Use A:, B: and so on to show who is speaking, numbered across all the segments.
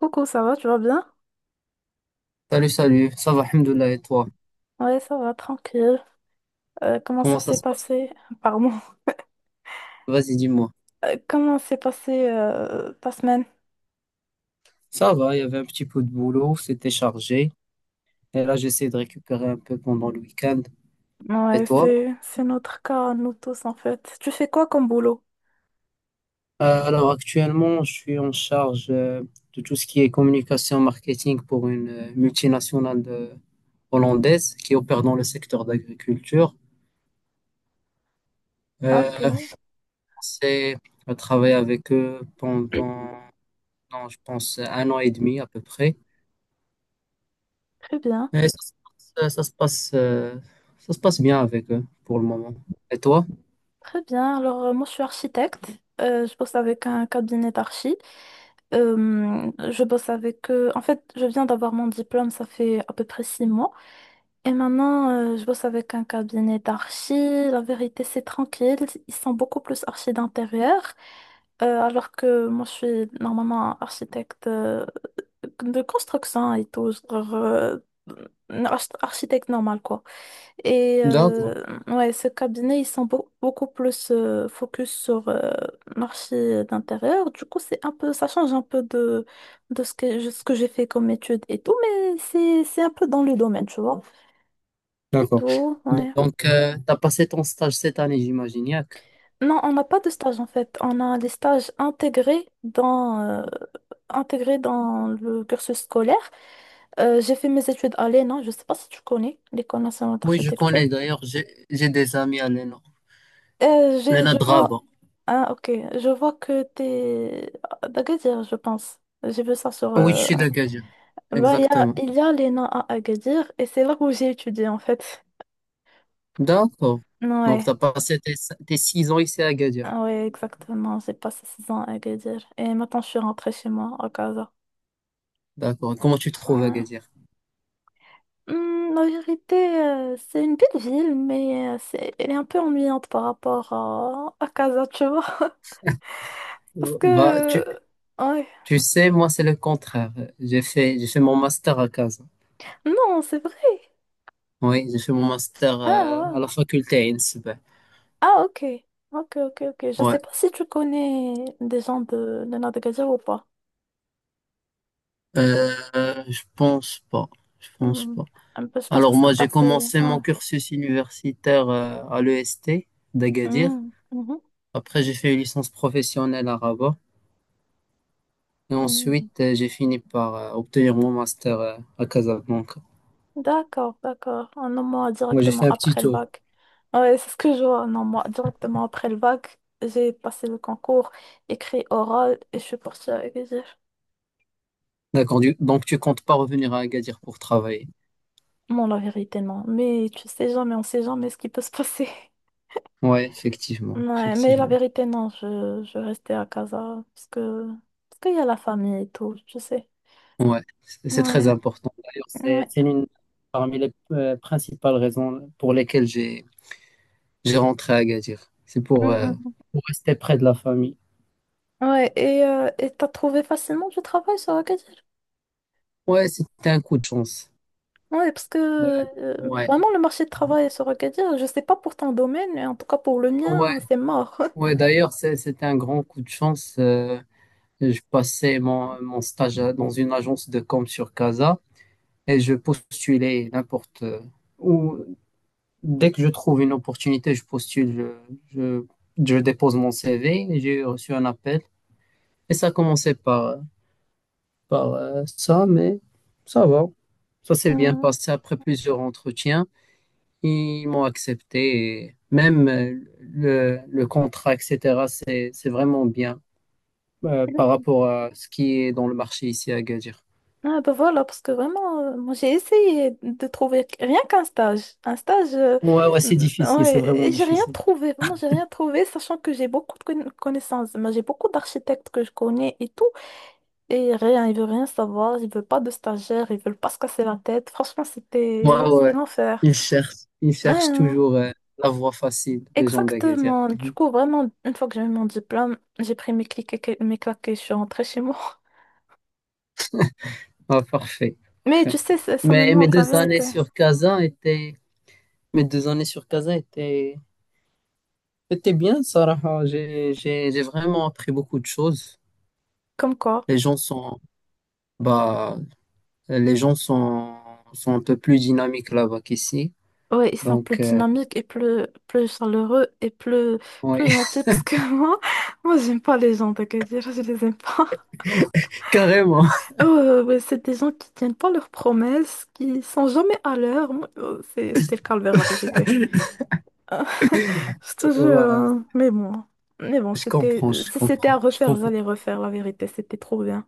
A: Coucou, ça va, tu vas bien?
B: Salut, salut, ça va, Alhamdoulilah, et toi?
A: Ouais, ça va, tranquille. Comment
B: Comment
A: ça
B: ça
A: s'est
B: se passe?
A: passé? Pardon.
B: Vas-y, dis-moi.
A: Comment s'est passé ta semaine?
B: Ça va, il y avait un petit peu de boulot, c'était chargé, et là j'essaie de récupérer un peu pendant le week-end. Et
A: Ouais,
B: toi?
A: c'est notre cas, nous tous en fait. Tu fais quoi comme boulot?
B: Alors actuellement, je suis en charge de tout ce qui est communication marketing pour une multinationale hollandaise qui opère dans le secteur d'agriculture.
A: Ah,
B: Euh,
A: ok,
B: c'est à travailler avec eux pendant, non, je pense, 1 an et demi à peu près.
A: très bien.
B: Mais ça se passe bien avec eux pour le moment. Et toi?
A: Très bien. Alors, moi, je suis architecte. Je bosse avec un cabinet d'archi. En fait, je viens d'avoir mon diplôme, ça fait à peu près 6 mois. Et maintenant, je bosse avec un cabinet d'archi. La vérité, c'est tranquille. Ils sont beaucoup plus archi d'intérieur. Alors que moi, je suis normalement architecte de construction et tout. Genre, un architecte normal, quoi. Et
B: D'accord.
A: ouais, ce cabinet, ils sont beaucoup plus focus sur marché d'intérieur. Du coup, c'est un peu, ça change un peu de ce que, ce que j'ai fait comme étude et tout, mais c'est un peu dans le domaine, tu vois. C'est
B: D'accord.
A: tout, ouais.
B: Donc, tu as passé ton stage cette année, j'imagine, Yak.
A: Non, on n'a pas de stage en fait. On a des stages intégrés dans le cursus scolaire. J'ai fait mes études à l'ENA, je ne sais pas si tu connais, l'École nationale
B: Oui, je
A: d'architecture.
B: connais d'ailleurs, j'ai des amis à Lena. Lena
A: Je vois.
B: Draba.
A: Ah, ok. Je vois que t'es à Agadir, je pense. J'ai vu ça sur.
B: Ah oui, je suis de Gadir.
A: Bah, il y a,
B: Exactement.
A: il y a Lena à Agadir et c'est là où j'ai étudié en fait.
B: D'accord. Donc, tu
A: Ouais.
B: as passé tes 6 ans ici à Gadir.
A: Ah ouais, exactement. J'ai passé 6 ans à Agadir et maintenant je suis rentrée chez moi à Casa.
B: D'accord. Comment tu te trouves à
A: Ouais.
B: Gadir?
A: Hmm, la vérité, c'est une belle ville, mais elle est un peu ennuyante par rapport à Casa, tu vois. Parce
B: Bah,
A: que.
B: tu,
A: Ouais.
B: tu sais, moi, c'est le contraire. J'ai fait mon master à Casa.
A: Non, c'est vrai.
B: Oui, j'ai fait mon master
A: Ah
B: à
A: ouais.
B: la faculté à Innsbruck.
A: Ah, ok. Ok, ok, ok. Je sais
B: Ouais,
A: pas si tu connais des gens de Nadagadja ou pas.
B: euh, je pense pas, je pense
A: Hmm.
B: pas.
A: Un peu, je pense
B: Alors
A: parce que
B: moi
A: t'as
B: j'ai
A: fait...
B: commencé mon
A: ah.
B: cursus universitaire à l'EST d'Agadir.
A: Hmm. Mhm.
B: Après j'ai fait une licence professionnelle à Rabat et
A: Hmm.
B: ensuite j'ai fini par obtenir mon master à Casablanca.
A: D'accord, d'accord. Ah, non, moi,
B: Moi j'ai fait
A: directement
B: un petit
A: après le
B: tour.
A: bac. Ouais, c'est ce que je vois. Non, moi, directement après le bac, j'ai passé le concours, écrit oral, et je suis partie avec les F.
B: D'accord, donc tu comptes pas revenir à Agadir pour travailler.
A: Bon, la vérité, non. Mais tu sais jamais, on sait jamais ce qui peut se passer.
B: Ouais, effectivement,
A: Ouais, mais la
B: effectivement.
A: vérité, non, je restais à casa parce qu'il y a la famille et tout, je sais.
B: Ouais, c'est très
A: Ouais,
B: important. D'ailleurs, c'est
A: ouais.
B: c'est l'une parmi les principales raisons pour lesquelles j'ai rentré à Agadir. C'est pour. euh,
A: Mm.
B: Pour rester près de la famille.
A: Ouais, et t'as trouvé facilement du travail sur Agadir?
B: Ouais, c'était un coup de chance.
A: Ouais, parce que
B: Euh, ouais,
A: vraiment, le marché de travail sur Agadir, je sais pas pour ton domaine, mais en tout cas pour le
B: ouais,
A: mien, c'est mort.
B: ouais. D'ailleurs, c'était un grand coup de chance. Je passais mon stage dans une agence de com sur Casa et je postulais n'importe où. Dès que je trouve une opportunité, je postule, je, je dépose mon CV et j'ai reçu un appel. Et ça commençait par ça, mais ça va. Ça s'est bien
A: Hmm.
B: passé après plusieurs entretiens. Ils m'ont accepté. Et même le contrat, etc., c'est vraiment bien par rapport à ce qui est dans le marché ici à Agadir.
A: Ah ben voilà, parce que vraiment, moi j'ai essayé de trouver rien qu'un stage. Un stage.
B: Ouais, ouais, c'est difficile, c'est
A: Ouais,
B: vraiment
A: et j'ai rien
B: difficile.
A: trouvé, vraiment j'ai rien trouvé, sachant que j'ai beaucoup de connaissances. Moi j'ai beaucoup d'architectes que je connais et tout. Et rien, ils veulent rien savoir, ils veulent pas de stagiaires, ils veulent pas se casser la tête. Franchement,
B: Ouais,
A: c'était
B: ouais,
A: c'était
B: ouais.
A: l'enfer.
B: Ils cherchent, ils
A: Ouais,
B: cherchent
A: hein,
B: toujours la voie facile, les gens d'Agadir.
A: exactement. Du coup, vraiment, une fois que j'avais mon diplôme, j'ai pris mes clics mes claques et je suis rentrée chez moi.
B: Ah, parfait,
A: Mais tu
B: parfait.
A: sais, ça me
B: Mais mes
A: manque la
B: deux années
A: vérité.
B: sur Kazan étaient, mes deux années sur Kazan étaient C'était bien, Sarah. J'ai vraiment appris beaucoup de choses.
A: Comme quoi,
B: Les gens sont, Bah, les gens sont un peu plus dynamiques là-bas qu'ici.
A: ouais, ils sont plus
B: Donc,
A: dynamiques et plus, plus chaleureux et plus,
B: oui,
A: plus gentils parce que moi, moi, j'aime pas les gens, t'inquiète, je les aime pas.
B: carrément.
A: Ouais, c'est des gens qui tiennent pas leurs promesses, qui sont jamais à l'heure. Moi, c'était le calvaire, la vérité. Euh, je te jure,
B: Ouais,
A: hein. Mais bon. Mais bon,
B: je
A: c'était,
B: comprends, je
A: si c'était à
B: comprends, je
A: refaire,
B: comprends.
A: j'allais refaire, la vérité. C'était trop bien.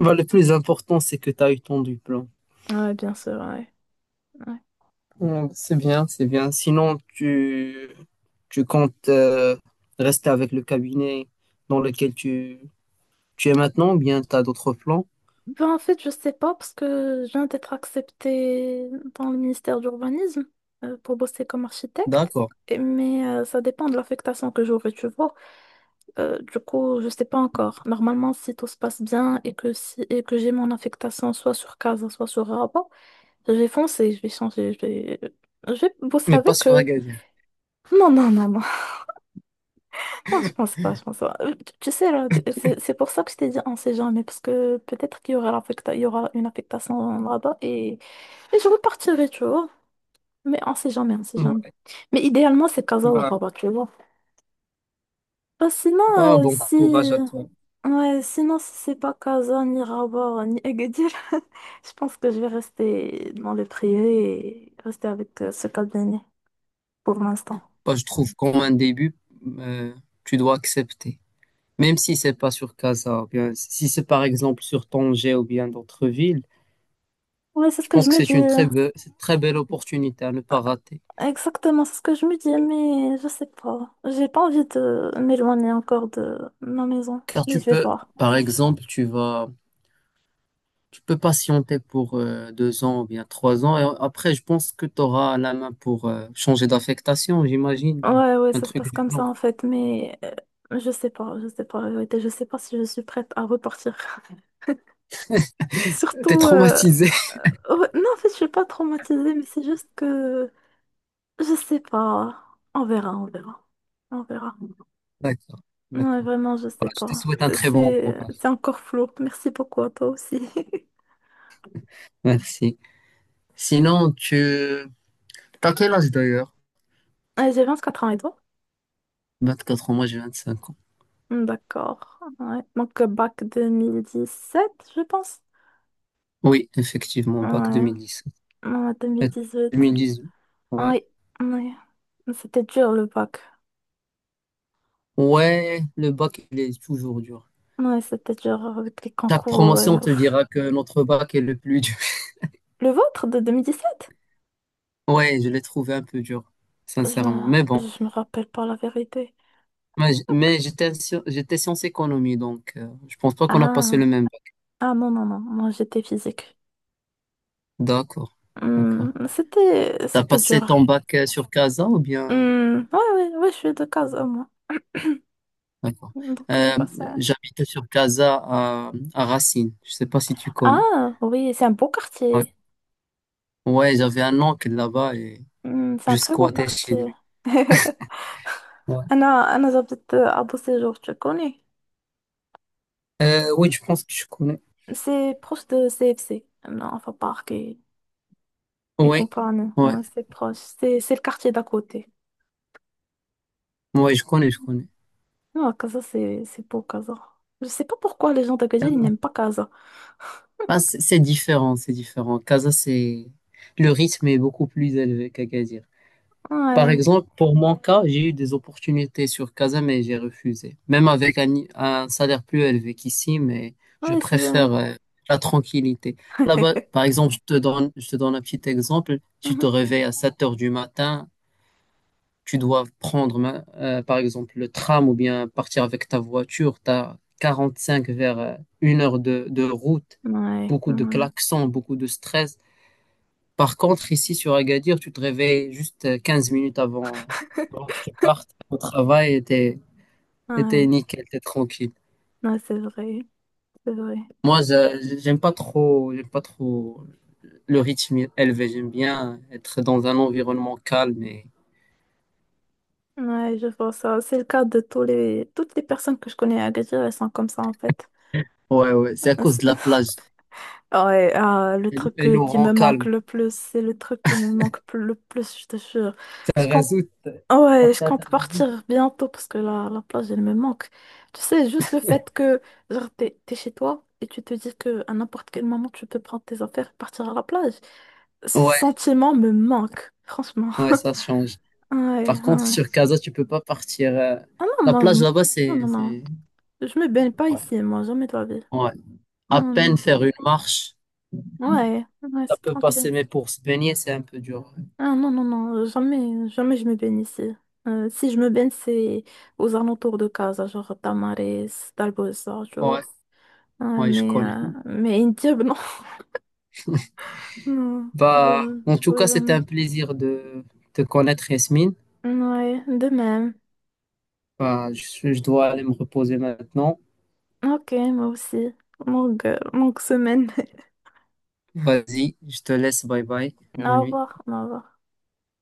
B: Bah, le plus important, c'est que tu as eu ton diplôme.
A: Ouais, bien sûr, ouais. Ouais.
B: Mm. C'est bien, c'est bien. Sinon, tu comptes rester avec le cabinet dans lequel tu es maintenant ou bien tu as d'autres plans?
A: Ben, en fait, je sais pas parce que je viens d'être acceptée dans le ministère de l'Urbanisme pour bosser comme architecte.
B: D'accord,
A: Mais ça dépend de l'affectation que j'aurai, tu vois. Du coup, je sais pas encore. Normalement, si tout se passe bien et que si et que j'ai mon affectation soit sur Casa, soit sur Rabat, je vais foncer, je vais changer, je vais bosser
B: mais pas
A: avec
B: sur
A: eux.
B: Agadir.
A: Non, non, non, non. Non, je pense pas, je pense pas. Tu sais, là, c'est pour ça que je t'ai dit on sait jamais, parce que peut-être qu'il y aura il y aura une affectation là-bas et je repartirai, tu vois. Mais on sait jamais, on sait jamais.
B: Ouais.
A: Mais idéalement, c'est Casa ou
B: Bah,
A: Rabat, tu vois. Bah,
B: Bah,
A: sinon,
B: bon
A: si...
B: courage à toi.
A: Ouais, sinon, si c'est pas Casa, ni Rabat, ni Agadir, je pense que je vais rester dans le privé et rester avec ce cabinet pour l'instant.
B: Bah, je trouve qu'en un début, euh, tu dois accepter. Même si c'est pas sur Casa, ou bien si c'est par exemple sur Tanger ou bien d'autres villes,
A: Ouais, c'est ce
B: je
A: que je
B: pense que
A: me dis.
B: c'est une très belle opportunité à ne pas rater.
A: Exactement, c'est ce que je me dis, mais je sais pas. J'ai pas envie de m'éloigner encore de ma maison,
B: Car
A: mais
B: tu
A: je vais
B: peux,
A: voir.
B: par exemple, tu peux patienter pour 2 ans ou bien 3 ans, et après, je pense que tu auras la main pour changer d'affectation, j'imagine, ou
A: Ouais, ouais,
B: un
A: ça se
B: truc
A: passe
B: du
A: comme ça
B: genre.
A: en fait, mais je sais pas, la vérité, je sais pas si je suis prête à repartir.
B: T'es
A: Surtout,
B: traumatisé.
A: ouais, non, en fait, je suis pas traumatisée, mais c'est juste que je sais pas. On verra, on verra, on verra.
B: D'accord,
A: Non, mais
B: d'accord.
A: vraiment, je
B: Bah,
A: sais
B: je te
A: pas.
B: souhaite un très bon
A: C'est,
B: courage.
A: c'est encore flou. Merci beaucoup à toi aussi.
B: Merci. Sinon, tu... T'as quel âge d'ailleurs?
A: J'ai 24 ans et toi?
B: 24 ans, moi j'ai 25 ans.
A: Hmm, d'accord. Ouais. Donc, bac 2017, je pense.
B: Oui, effectivement, bac
A: Ouais.
B: 2017.
A: Ouais,
B: Et
A: 2018.
B: 2018, ouais.
A: Oui, oui. Ouais. C'était dur, le bac.
B: Ouais, le bac, il est toujours dur.
A: Ouais, c'était dur avec les
B: Chaque
A: concours et
B: promotion te
A: ouf.
B: dira que notre bac est le plus dur.
A: Le vôtre de 2017?
B: Ouais, je l'ai trouvé un peu dur,
A: Je,
B: sincèrement. Mais bon,
A: je me rappelle pas la vérité.
B: mais j'étais j'étais sciences économie, donc je pense pas qu'on a passé le
A: Ah.
B: même bac.
A: Ah non, non, non. Moi, j'étais physique.
B: D'accord,
A: Hmm,
B: d'accord.
A: C'était,
B: T'as
A: c'était
B: passé
A: dur.
B: ton bac sur Casa ou bien...
A: Hmm, ouais, ouais, ouais, je suis de Casa, moi.
B: D'accord.
A: Donc, j'ai
B: Euh,
A: passé.
B: J'habitais sur Casa à Racine. Je sais pas si tu connais.
A: Ah, oui, c'est un beau
B: Ouais,
A: quartier.
B: ouais, j'avais un oncle là-bas et
A: أمم، c'est
B: je
A: un très beau
B: squattais chez
A: quartier.
B: lui. Ouais.
A: أنا أنا جبت أبو سيجور تشكوني
B: Oui, je pense que je connais.
A: سي بروش دو سي اف سي non enfin parc et
B: Oui,
A: compagnie.
B: ouais,
A: Ouais, c'est proche, c'est le quartier d'à côté.
B: ouais, je connais, je connais.
A: Non, Casa, c'est beau, Casa. Je sais pas pourquoi les gens d'Agadir ils
B: Casa.
A: n'aiment pas Casa.
B: Ah, c'est différent, c'est différent. Casa, c'est le rythme est beaucoup plus élevé qu'Agadir. Par
A: Ouais,
B: exemple, pour mon cas, j'ai eu des opportunités sur Casa, mais j'ai refusé. Même avec un salaire plus élevé qu'ici, mais je
A: ouais, c'est...
B: préfère la tranquillité. Là-bas, par exemple, je te donne un petit exemple. Tu te
A: Mhm.
B: réveilles à 7 heures du matin, tu dois prendre, par exemple, le tram ou bien partir avec ta voiture. Tu as 45 vers une heure de route,
A: Ouais,
B: beaucoup de
A: ouais,
B: klaxons, beaucoup de stress. Par contre, ici sur Agadir, tu te réveilles juste 15 minutes avant. Donc, tu pars au travail et t'es
A: ouais,
B: nickel, t'es tranquille.
A: ouais, c'est vrai, c'est vrai.
B: Moi, j'aime pas trop le rythme élevé. J'aime bien être dans un environnement calme et,
A: Ouais, je vois ça, c'est le cas de tous les toutes les personnes que je connais à Agadir, elles sont comme ça en fait.
B: ouais, ouais, c'est à cause de la plage.
A: Ouais, ah, le
B: Elle,
A: truc
B: elle nous
A: qui
B: rend
A: me manque
B: calme.
A: le plus, c'est le truc qui me manque le plus, je te jure.
B: Ça
A: Je compte...
B: résout.
A: Ouais, je compte partir bientôt parce que la plage, elle me manque. Tu sais, juste le fait que, genre, t'es chez toi et tu te dis que à n'importe quel moment, tu peux prendre tes affaires et partir à la plage. Ce
B: Ouais,
A: sentiment me manque, franchement.
B: ouais, ça change.
A: Ouais,
B: Par contre,
A: ouais.
B: sur Casa, tu peux pas partir.
A: Ah non,
B: La
A: moi, je...
B: plage là-bas,
A: Non, non, non. Je me baigne pas
B: ouais,
A: ici, moi, jamais de la vie.
B: ouais. À
A: Hmm.
B: peine faire une marche.
A: Ouais, ouais,
B: Ça
A: c'est
B: peut
A: tranquille.
B: passer, mais pour se baigner, c'est un peu dur.
A: Ah non, non, non, jamais, jamais je me baigne ici. Si je me baigne, c'est aux alentours de Casa, genre Tamares, Dalbosa, tu
B: Ouais,
A: vois. Ouais,
B: ouais, je connais.
A: mais Indiab, non. Non,
B: Bah,
A: je
B: en
A: je
B: tout
A: pourrais
B: cas, c'était
A: jamais.
B: un plaisir de te connaître, Yasmine.
A: Ouais, de même.
B: Bah, je dois aller me reposer maintenant.
A: Ok, moi aussi. Longue, longue semaine.
B: Vas-y, je te laisse. Bye bye. Bonne
A: Au
B: nuit.
A: revoir, au revoir.